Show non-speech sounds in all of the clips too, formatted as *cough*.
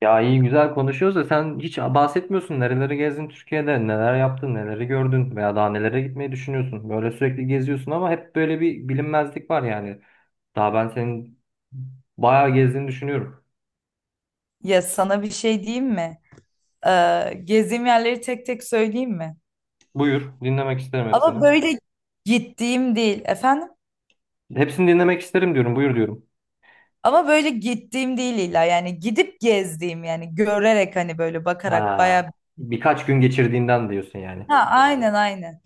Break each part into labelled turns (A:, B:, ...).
A: Ya iyi güzel konuşuyoruz da sen hiç bahsetmiyorsun. Nereleri gezdin Türkiye'de, neler yaptın, neleri gördün veya daha nelere gitmeyi düşünüyorsun. Böyle sürekli geziyorsun ama hep böyle bir bilinmezlik var yani. Daha ben senin bayağı gezdiğini düşünüyorum.
B: Ya sana bir şey diyeyim mi? Gezdiğim yerleri tek tek söyleyeyim mi?
A: Buyur, dinlemek isterim hepsini.
B: Ama böyle gittiğim değil efendim.
A: Hepsini dinlemek isterim diyorum, buyur diyorum.
B: Ama böyle gittiğim değil illa yani gidip gezdiğim yani görerek hani böyle bakarak bayağı.
A: Ha, birkaç gün geçirdiğinden diyorsun yani.
B: Ha, aynen.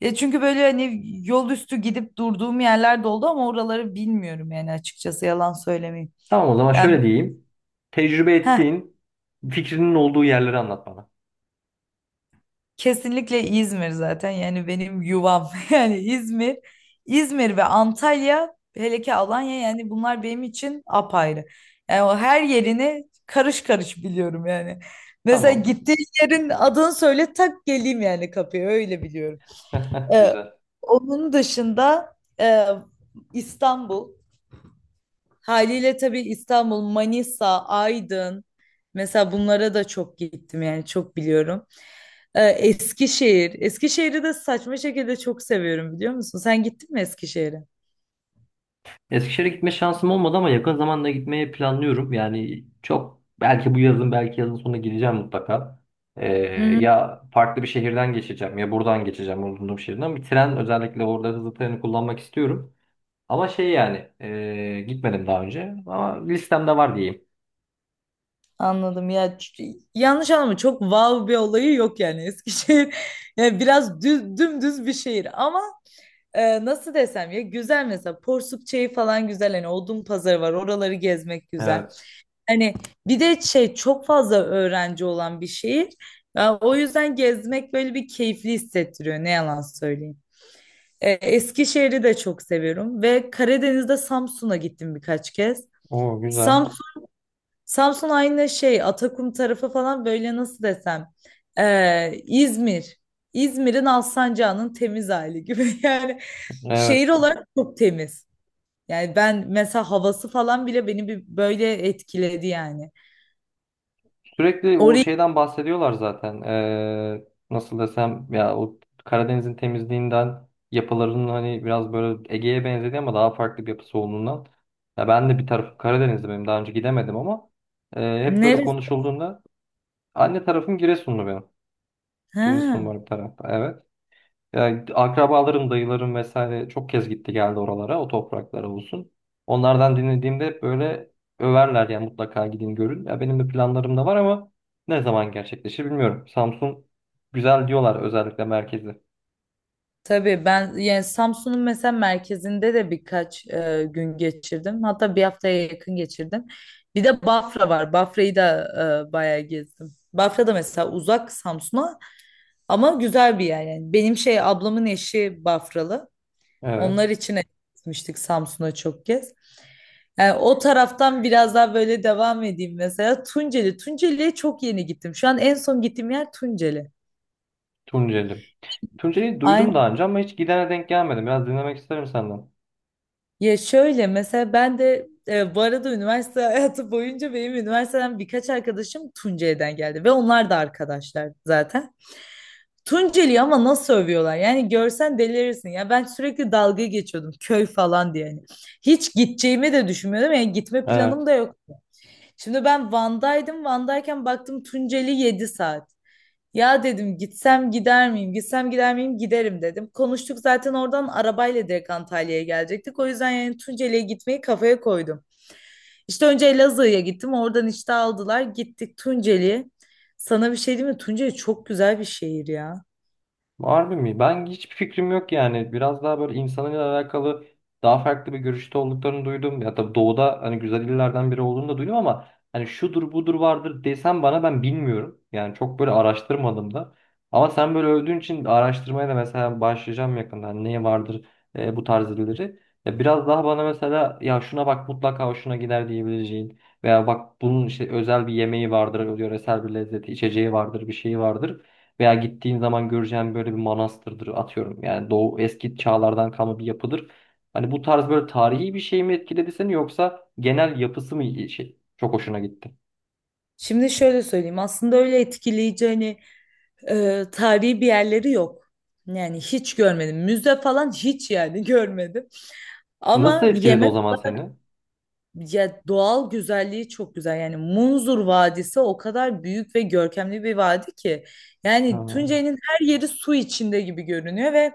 B: Ya çünkü böyle hani yol üstü gidip durduğum yerler de oldu ama oraları bilmiyorum yani açıkçası yalan söylemeyeyim.
A: Tamam o zaman
B: Yani
A: şöyle diyeyim. Tecrübe
B: heh,
A: ettiğin, fikrinin olduğu yerleri anlat bana.
B: kesinlikle İzmir zaten yani benim yuvam *laughs* yani İzmir, İzmir ve Antalya hele ki Alanya yani bunlar benim için apayrı. Yani o her yerini karış karış biliyorum yani. Mesela
A: Tamam.
B: gittiğin yerin adını söyle tak geleyim yani kapıya öyle biliyorum.
A: *laughs*
B: Ee,
A: Güzel.
B: Onun dışında e, İstanbul. Haliyle tabii İstanbul, Manisa, Aydın mesela bunlara da çok gittim yani çok biliyorum. Eskişehir. Eskişehir'i de saçma şekilde çok seviyorum biliyor musun? Sen gittin mi Eskişehir'e?
A: Eskişehir'e gitme şansım olmadı ama yakın zamanda gitmeyi planlıyorum. Yani çok belki bu yazın belki yazın sonuna gideceğim mutlaka. Ee,
B: Hı hı.
A: ya farklı bir şehirden geçeceğim ya buradan geçeceğim bulunduğum şehirden. Bir tren özellikle orada hızlı treni kullanmak istiyorum. Ama şey yani gitmedim daha önce ama listemde var diyeyim.
B: Anladım ya, yanlış anlama, çok wow bir olayı yok yani Eskişehir *laughs* yani biraz düz, dümdüz bir şehir ama nasıl desem ya, güzel mesela Porsuk falan güzel, hani Odun Pazarı var, oraları gezmek güzel.
A: Evet.
B: Hani bir de şey, çok fazla öğrenci olan bir şehir. Ya o yüzden gezmek böyle bir keyifli hissettiriyor ne yalan söyleyeyim. Eskişehir'i de çok seviyorum ve Karadeniz'de Samsun'a gittim birkaç kez.
A: Oo güzel.
B: Samsun, Samsun aynı şey, Atakum tarafı falan, böyle nasıl desem İzmir. İzmir'in Alsancak'ın temiz hali gibi *laughs* yani şehir
A: Evet.
B: olarak çok temiz. Yani ben mesela havası falan bile beni bir böyle etkiledi yani.
A: Sürekli o
B: Orayı.
A: şeyden bahsediyorlar zaten. Nasıl desem ya o Karadeniz'in temizliğinden yapılarının hani biraz böyle Ege'ye benzediği ama daha farklı bir yapısı olduğundan. Ya ben de bir tarafım Karadeniz'de benim daha önce gidemedim ama hep böyle
B: Neresi?
A: konuşulduğunda anne tarafım Giresunlu benim. Giresunlu
B: Ha,
A: var bir tarafta evet. Yani akrabalarım, dayılarım vesaire çok kez gitti geldi oralara, o topraklara olsun. Onlardan dinlediğimde hep böyle överler yani mutlaka gidin görün. Ya benim de planlarım da var ama ne zaman gerçekleşir bilmiyorum. Samsun güzel diyorlar özellikle merkezi.
B: tabii ben yani Samsun'un mesela merkezinde de birkaç gün geçirdim. Hatta bir haftaya yakın geçirdim. Bir de Bafra var. Bafra'yı da bayağı gezdim. Bafra da mesela uzak Samsun'a ama güzel bir yer yani. Benim şey, ablamın eşi Bafralı. Onlar
A: Evet.
B: için gitmiştik Samsun'a çok kez. Yani o taraftan biraz daha böyle devam edeyim mesela. Tunceli. Tunceli'ye çok yeni gittim. Şu an en son gittiğim yer Tunceli.
A: Tunceli. Tunceli'yi duydum daha önce ama hiç gidene denk gelmedim. Biraz dinlemek isterim senden.
B: Ya şöyle mesela ben de bu arada üniversite *laughs* hayatı boyunca benim üniversiteden birkaç arkadaşım Tunceli'den geldi ve onlar da arkadaşlar zaten. Tunceli'yi ama nasıl övüyorlar? Yani görsen delirirsin. Ya ben sürekli dalga geçiyordum köy falan diye. Yani. Hiç gideceğimi de düşünmüyordum. Yani gitme planım
A: Evet.
B: da yok. Şimdi ben Van'daydım. Van'dayken baktım Tunceli 7 saat. Ya dedim gitsem gider miyim? Gitsem gider miyim? Giderim dedim. Konuştuk zaten oradan arabayla direkt Antalya'ya gelecektik. O yüzden yani Tunceli'ye gitmeyi kafaya koydum. İşte önce Elazığ'a gittim. Oradan işte aldılar. Gittik Tunceli'ye. Sana bir şey diyeyim mi? Tunceli çok güzel bir şehir ya.
A: Harbi mi? Ben hiçbir fikrim yok yani. Biraz daha böyle insanıyla alakalı daha farklı bir görüşte olduklarını duydum. Ya tabii doğuda hani güzel illerden biri olduğunu da duydum ama hani şudur budur vardır desem bana ben bilmiyorum. Yani çok böyle araştırmadım da. Ama sen böyle övdüğün için araştırmaya da mesela başlayacağım yakında. Hani neye vardır bu tarz illeri. Ya biraz daha bana mesela ya şuna bak mutlaka hoşuna gider diyebileceğin veya bak bunun işte özel bir yemeği vardır, yöresel bir lezzeti, içeceği vardır, bir şeyi vardır. Veya gittiğin zaman göreceğin böyle bir manastırdır atıyorum. Yani Doğu eski çağlardan kalma bir yapıdır. Hani bu tarz böyle tarihi bir şey mi etkiledi seni yoksa genel yapısı mı iyi şey? Çok hoşuna gitti.
B: Şimdi şöyle söyleyeyim. Aslında öyle etkileyici hani tarihi bir yerleri yok. Yani hiç görmedim. Müze falan hiç yani *laughs* görmedim.
A: Nasıl
B: Ama
A: etkiledi o
B: yemek,
A: zaman seni?
B: ya doğal güzelliği çok güzel. Yani Munzur Vadisi o kadar büyük ve görkemli bir vadi ki.
A: Ha,
B: Yani Tunceli'nin her yeri su içinde gibi görünüyor ve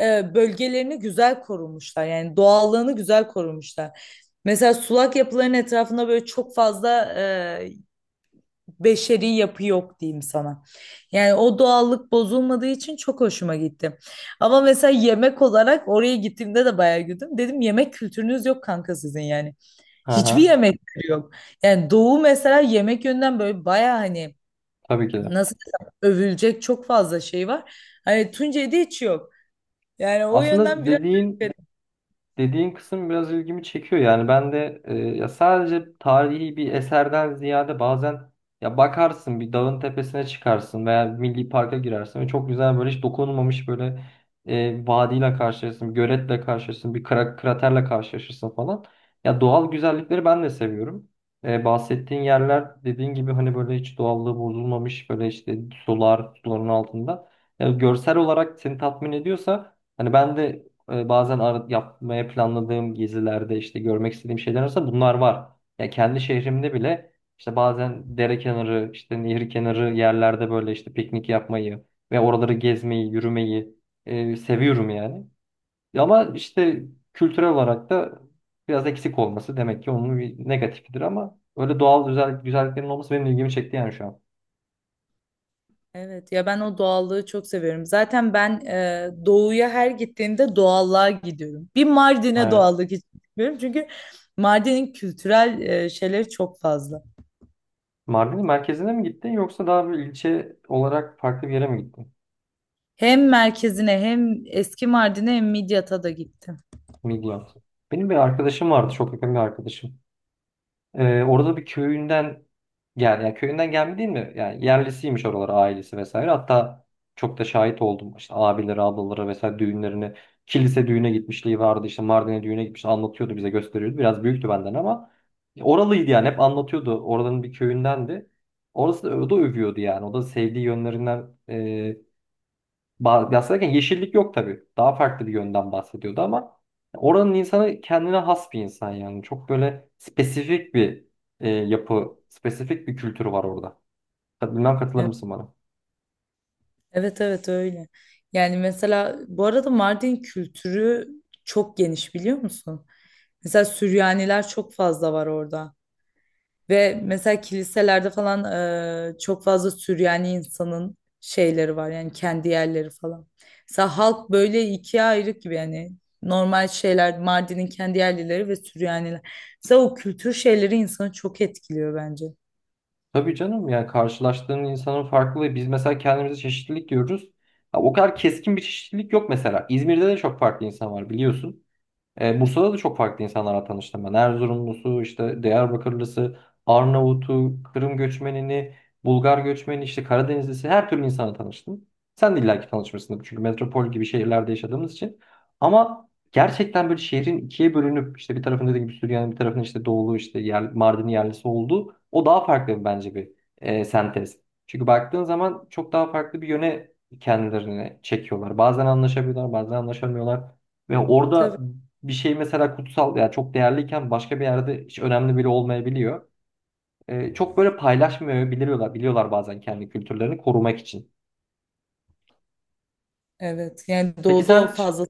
B: bölgelerini güzel korumuşlar. Yani doğallığını güzel korumuşlar. Mesela sulak yapıların etrafında böyle çok fazla e, beşeri yapı yok diyeyim sana. Yani o doğallık bozulmadığı için çok hoşuma gitti. Ama mesela yemek olarak oraya gittiğimde de bayağı güldüm. Dedim yemek kültürünüz yok kanka sizin yani. Hiçbir
A: ha,
B: yemek kültürü yok. Yani doğu mesela yemek yönden böyle bayağı hani,
A: tabii ki de.
B: nasıl desem, övülecek çok fazla şey var. Hani Tuncay'da hiç yok. Yani o yönden
A: Aslında
B: biraz.
A: dediğin Dediğin kısım biraz ilgimi çekiyor yani ben de ya sadece tarihi bir eserden ziyade bazen ya bakarsın bir dağın tepesine çıkarsın veya milli parka girersin ve çok güzel böyle hiç dokunulmamış böyle vadiyle karşılaşırsın, bir göletle karşılaşırsın, bir kraterle karşılaşırsın falan. Ya doğal güzellikleri ben de seviyorum. Bahsettiğin yerler dediğin gibi hani böyle hiç doğallığı bozulmamış böyle işte sular, suların altında. Ya görsel olarak seni tatmin ediyorsa hani ben de bazen yapmaya planladığım gezilerde işte görmek istediğim şeyler arasında bunlar var. Ya kendi şehrimde bile işte bazen dere kenarı, işte nehir kenarı yerlerde böyle işte piknik yapmayı ve oraları gezmeyi, yürümeyi seviyorum yani. Ya ama işte kültürel olarak da biraz eksik olması demek ki onun bir negatifidir ama öyle doğal güzel, güzelliklerin olması benim ilgimi çekti yani şu an.
B: Evet ya, ben o doğallığı çok seviyorum. Zaten ben doğuya her gittiğimde doğallığa gidiyorum. Bir Mardin'e
A: Evet.
B: doğallık istiyorum çünkü Mardin'in kültürel şeyleri çok fazla.
A: Mardin'in merkezine mi gittin yoksa daha bir ilçe olarak farklı bir yere mi gittin?
B: Hem merkezine hem eski Mardin'e hem Midyat'a da gittim.
A: Midyat. Benim bir arkadaşım vardı, çok yakın bir arkadaşım. Orada bir köyünden gel, yani köyünden gelme değil mi? Yani yerlisiymiş oralara ailesi vesaire. Hatta çok da şahit oldum. İşte abileri, ablaları vesaire düğünlerine, kilise düğüne gitmişliği vardı. İşte Mardin'e düğüne gitmiş, anlatıyordu bize gösteriyordu. Biraz büyüktü benden ama oralıydı yani hep anlatıyordu. Oradanın bir köyündendi. Orası da, o da övüyordu yani. O da sevdiği yönlerinden bahsederken yeşillik yok tabii. Daha farklı bir yönden bahsediyordu ama oranın insanı kendine has bir insan yani. Çok böyle spesifik bir yapı, spesifik bir kültür var orada. Bilmem katılır
B: Evet,
A: mısın bana?
B: evet, evet, öyle. Yani mesela bu arada Mardin kültürü çok geniş biliyor musun? Mesela Süryaniler çok fazla var orada. Ve mesela kiliselerde falan çok fazla Süryani insanın şeyleri var yani kendi yerleri falan. Mesela halk böyle ikiye ayrık gibi yani, normal şeyler, Mardin'in kendi yerlileri ve Süryaniler. Mesela o kültür şeyleri insanı çok etkiliyor bence.
A: Tabii canım yani karşılaştığın insanın farklılığı. Biz mesela kendimize çeşitlilik diyoruz. Ha, o kadar keskin bir çeşitlilik yok mesela. İzmir'de de çok farklı insan var biliyorsun. Bursa'da da çok farklı insanlarla tanıştım ben. Erzurumlusu, işte Diyarbakırlısı, Arnavut'u, Kırım göçmenini, Bulgar göçmeni, işte Karadenizlisi her türlü insanla tanıştım. Sen de illaki tanışmışsındır çünkü metropol gibi şehirlerde yaşadığımız için. Ama gerçekten böyle şehrin ikiye bölünüp işte bir tarafın dediğim gibi Süryani, bir tarafın işte Doğulu, işte yer, Mardin yerlisi olduğu o daha farklı bence bir sentez. Çünkü baktığın zaman çok daha farklı bir yöne kendilerini çekiyorlar. Bazen anlaşabiliyorlar, bazen anlaşamıyorlar. Ve orada
B: Tabii.
A: bir şey mesela kutsal ya çok değerliyken başka bir yerde hiç önemli bile olmayabiliyor. Çok böyle paylaşmıyor biliyorlar bazen kendi kültürlerini korumak için.
B: Evet yani
A: Peki
B: doğuda o
A: sen
B: fazla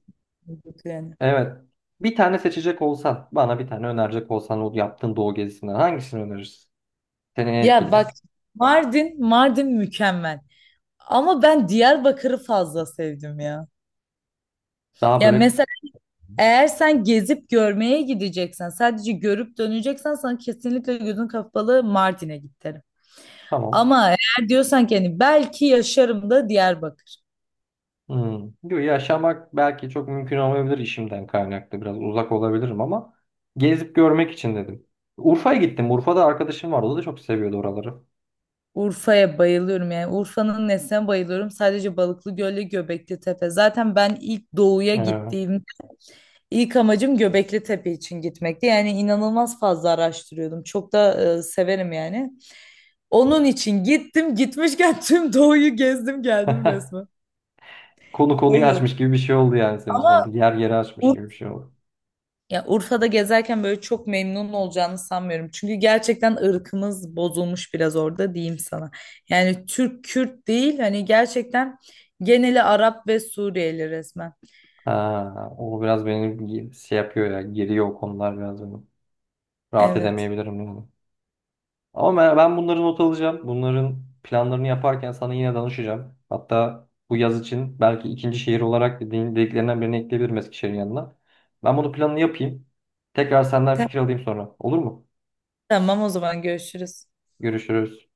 B: yani.
A: evet bir tane seçecek olsan bana bir tane önerecek olsan o yaptığın doğu gezisinden hangisini önerirsin? Seni en
B: Ya bak,
A: etkileyen.
B: Mardin, Mardin mükemmel. Ama ben Diyarbakır'ı fazla sevdim ya.
A: Daha
B: Ya
A: böyle
B: mesela eğer sen gezip görmeye gideceksen, sadece görüp döneceksen sana kesinlikle gözün kapalı Mardin'e git derim.
A: tamam.
B: Ama eğer diyorsan ki hani belki yaşarım, da Diyarbakır.
A: Hmm. Diyor, yaşamak belki çok mümkün olmayabilir işimden kaynaklı biraz uzak olabilirim ama gezip görmek için dedim. Urfa'ya gittim. Urfa'da arkadaşım vardı. O da çok seviyordu oraları.
B: Urfa'ya bayılıyorum yani Urfa'nın nesine bayılıyorum. Sadece Balıklı Göl'le Göbekli Tepe. Zaten ben ilk doğuya
A: Ee,
B: gittiğim ilk amacım Göbekli Tepe için gitmekti. Yani inanılmaz fazla araştırıyordum. Çok da severim yani. Onun için gittim. Gitmişken tüm doğuyu gezdim geldim resmen.
A: Konu konuyu
B: Öyle oldu.
A: açmış gibi bir şey oldu yani senin için
B: Ama
A: orada. Yer yeri açmış gibi bir şey oldu.
B: ya Urfa'da gezerken böyle çok memnun olacağını sanmıyorum. Çünkü gerçekten ırkımız bozulmuş biraz orada diyeyim sana. Yani Türk Kürt değil hani, gerçekten geneli Arap ve Suriyeli resmen.
A: Ha, o biraz beni şey yapıyor ya. Geriyor o konular biraz beni. Rahat
B: Evet.
A: edemeyebilirim yani. Ama ben bunları not alacağım. Bunların planlarını yaparken sana yine danışacağım. Hatta bu yaz için belki ikinci şehir olarak dediklerinden birini ekleyebilirim Eskişehir'in yanına. Ben bunu planını yapayım. Tekrar senden
B: Tamam
A: fikir alayım sonra. Olur mu?
B: tamam o zaman görüşürüz.
A: Görüşürüz.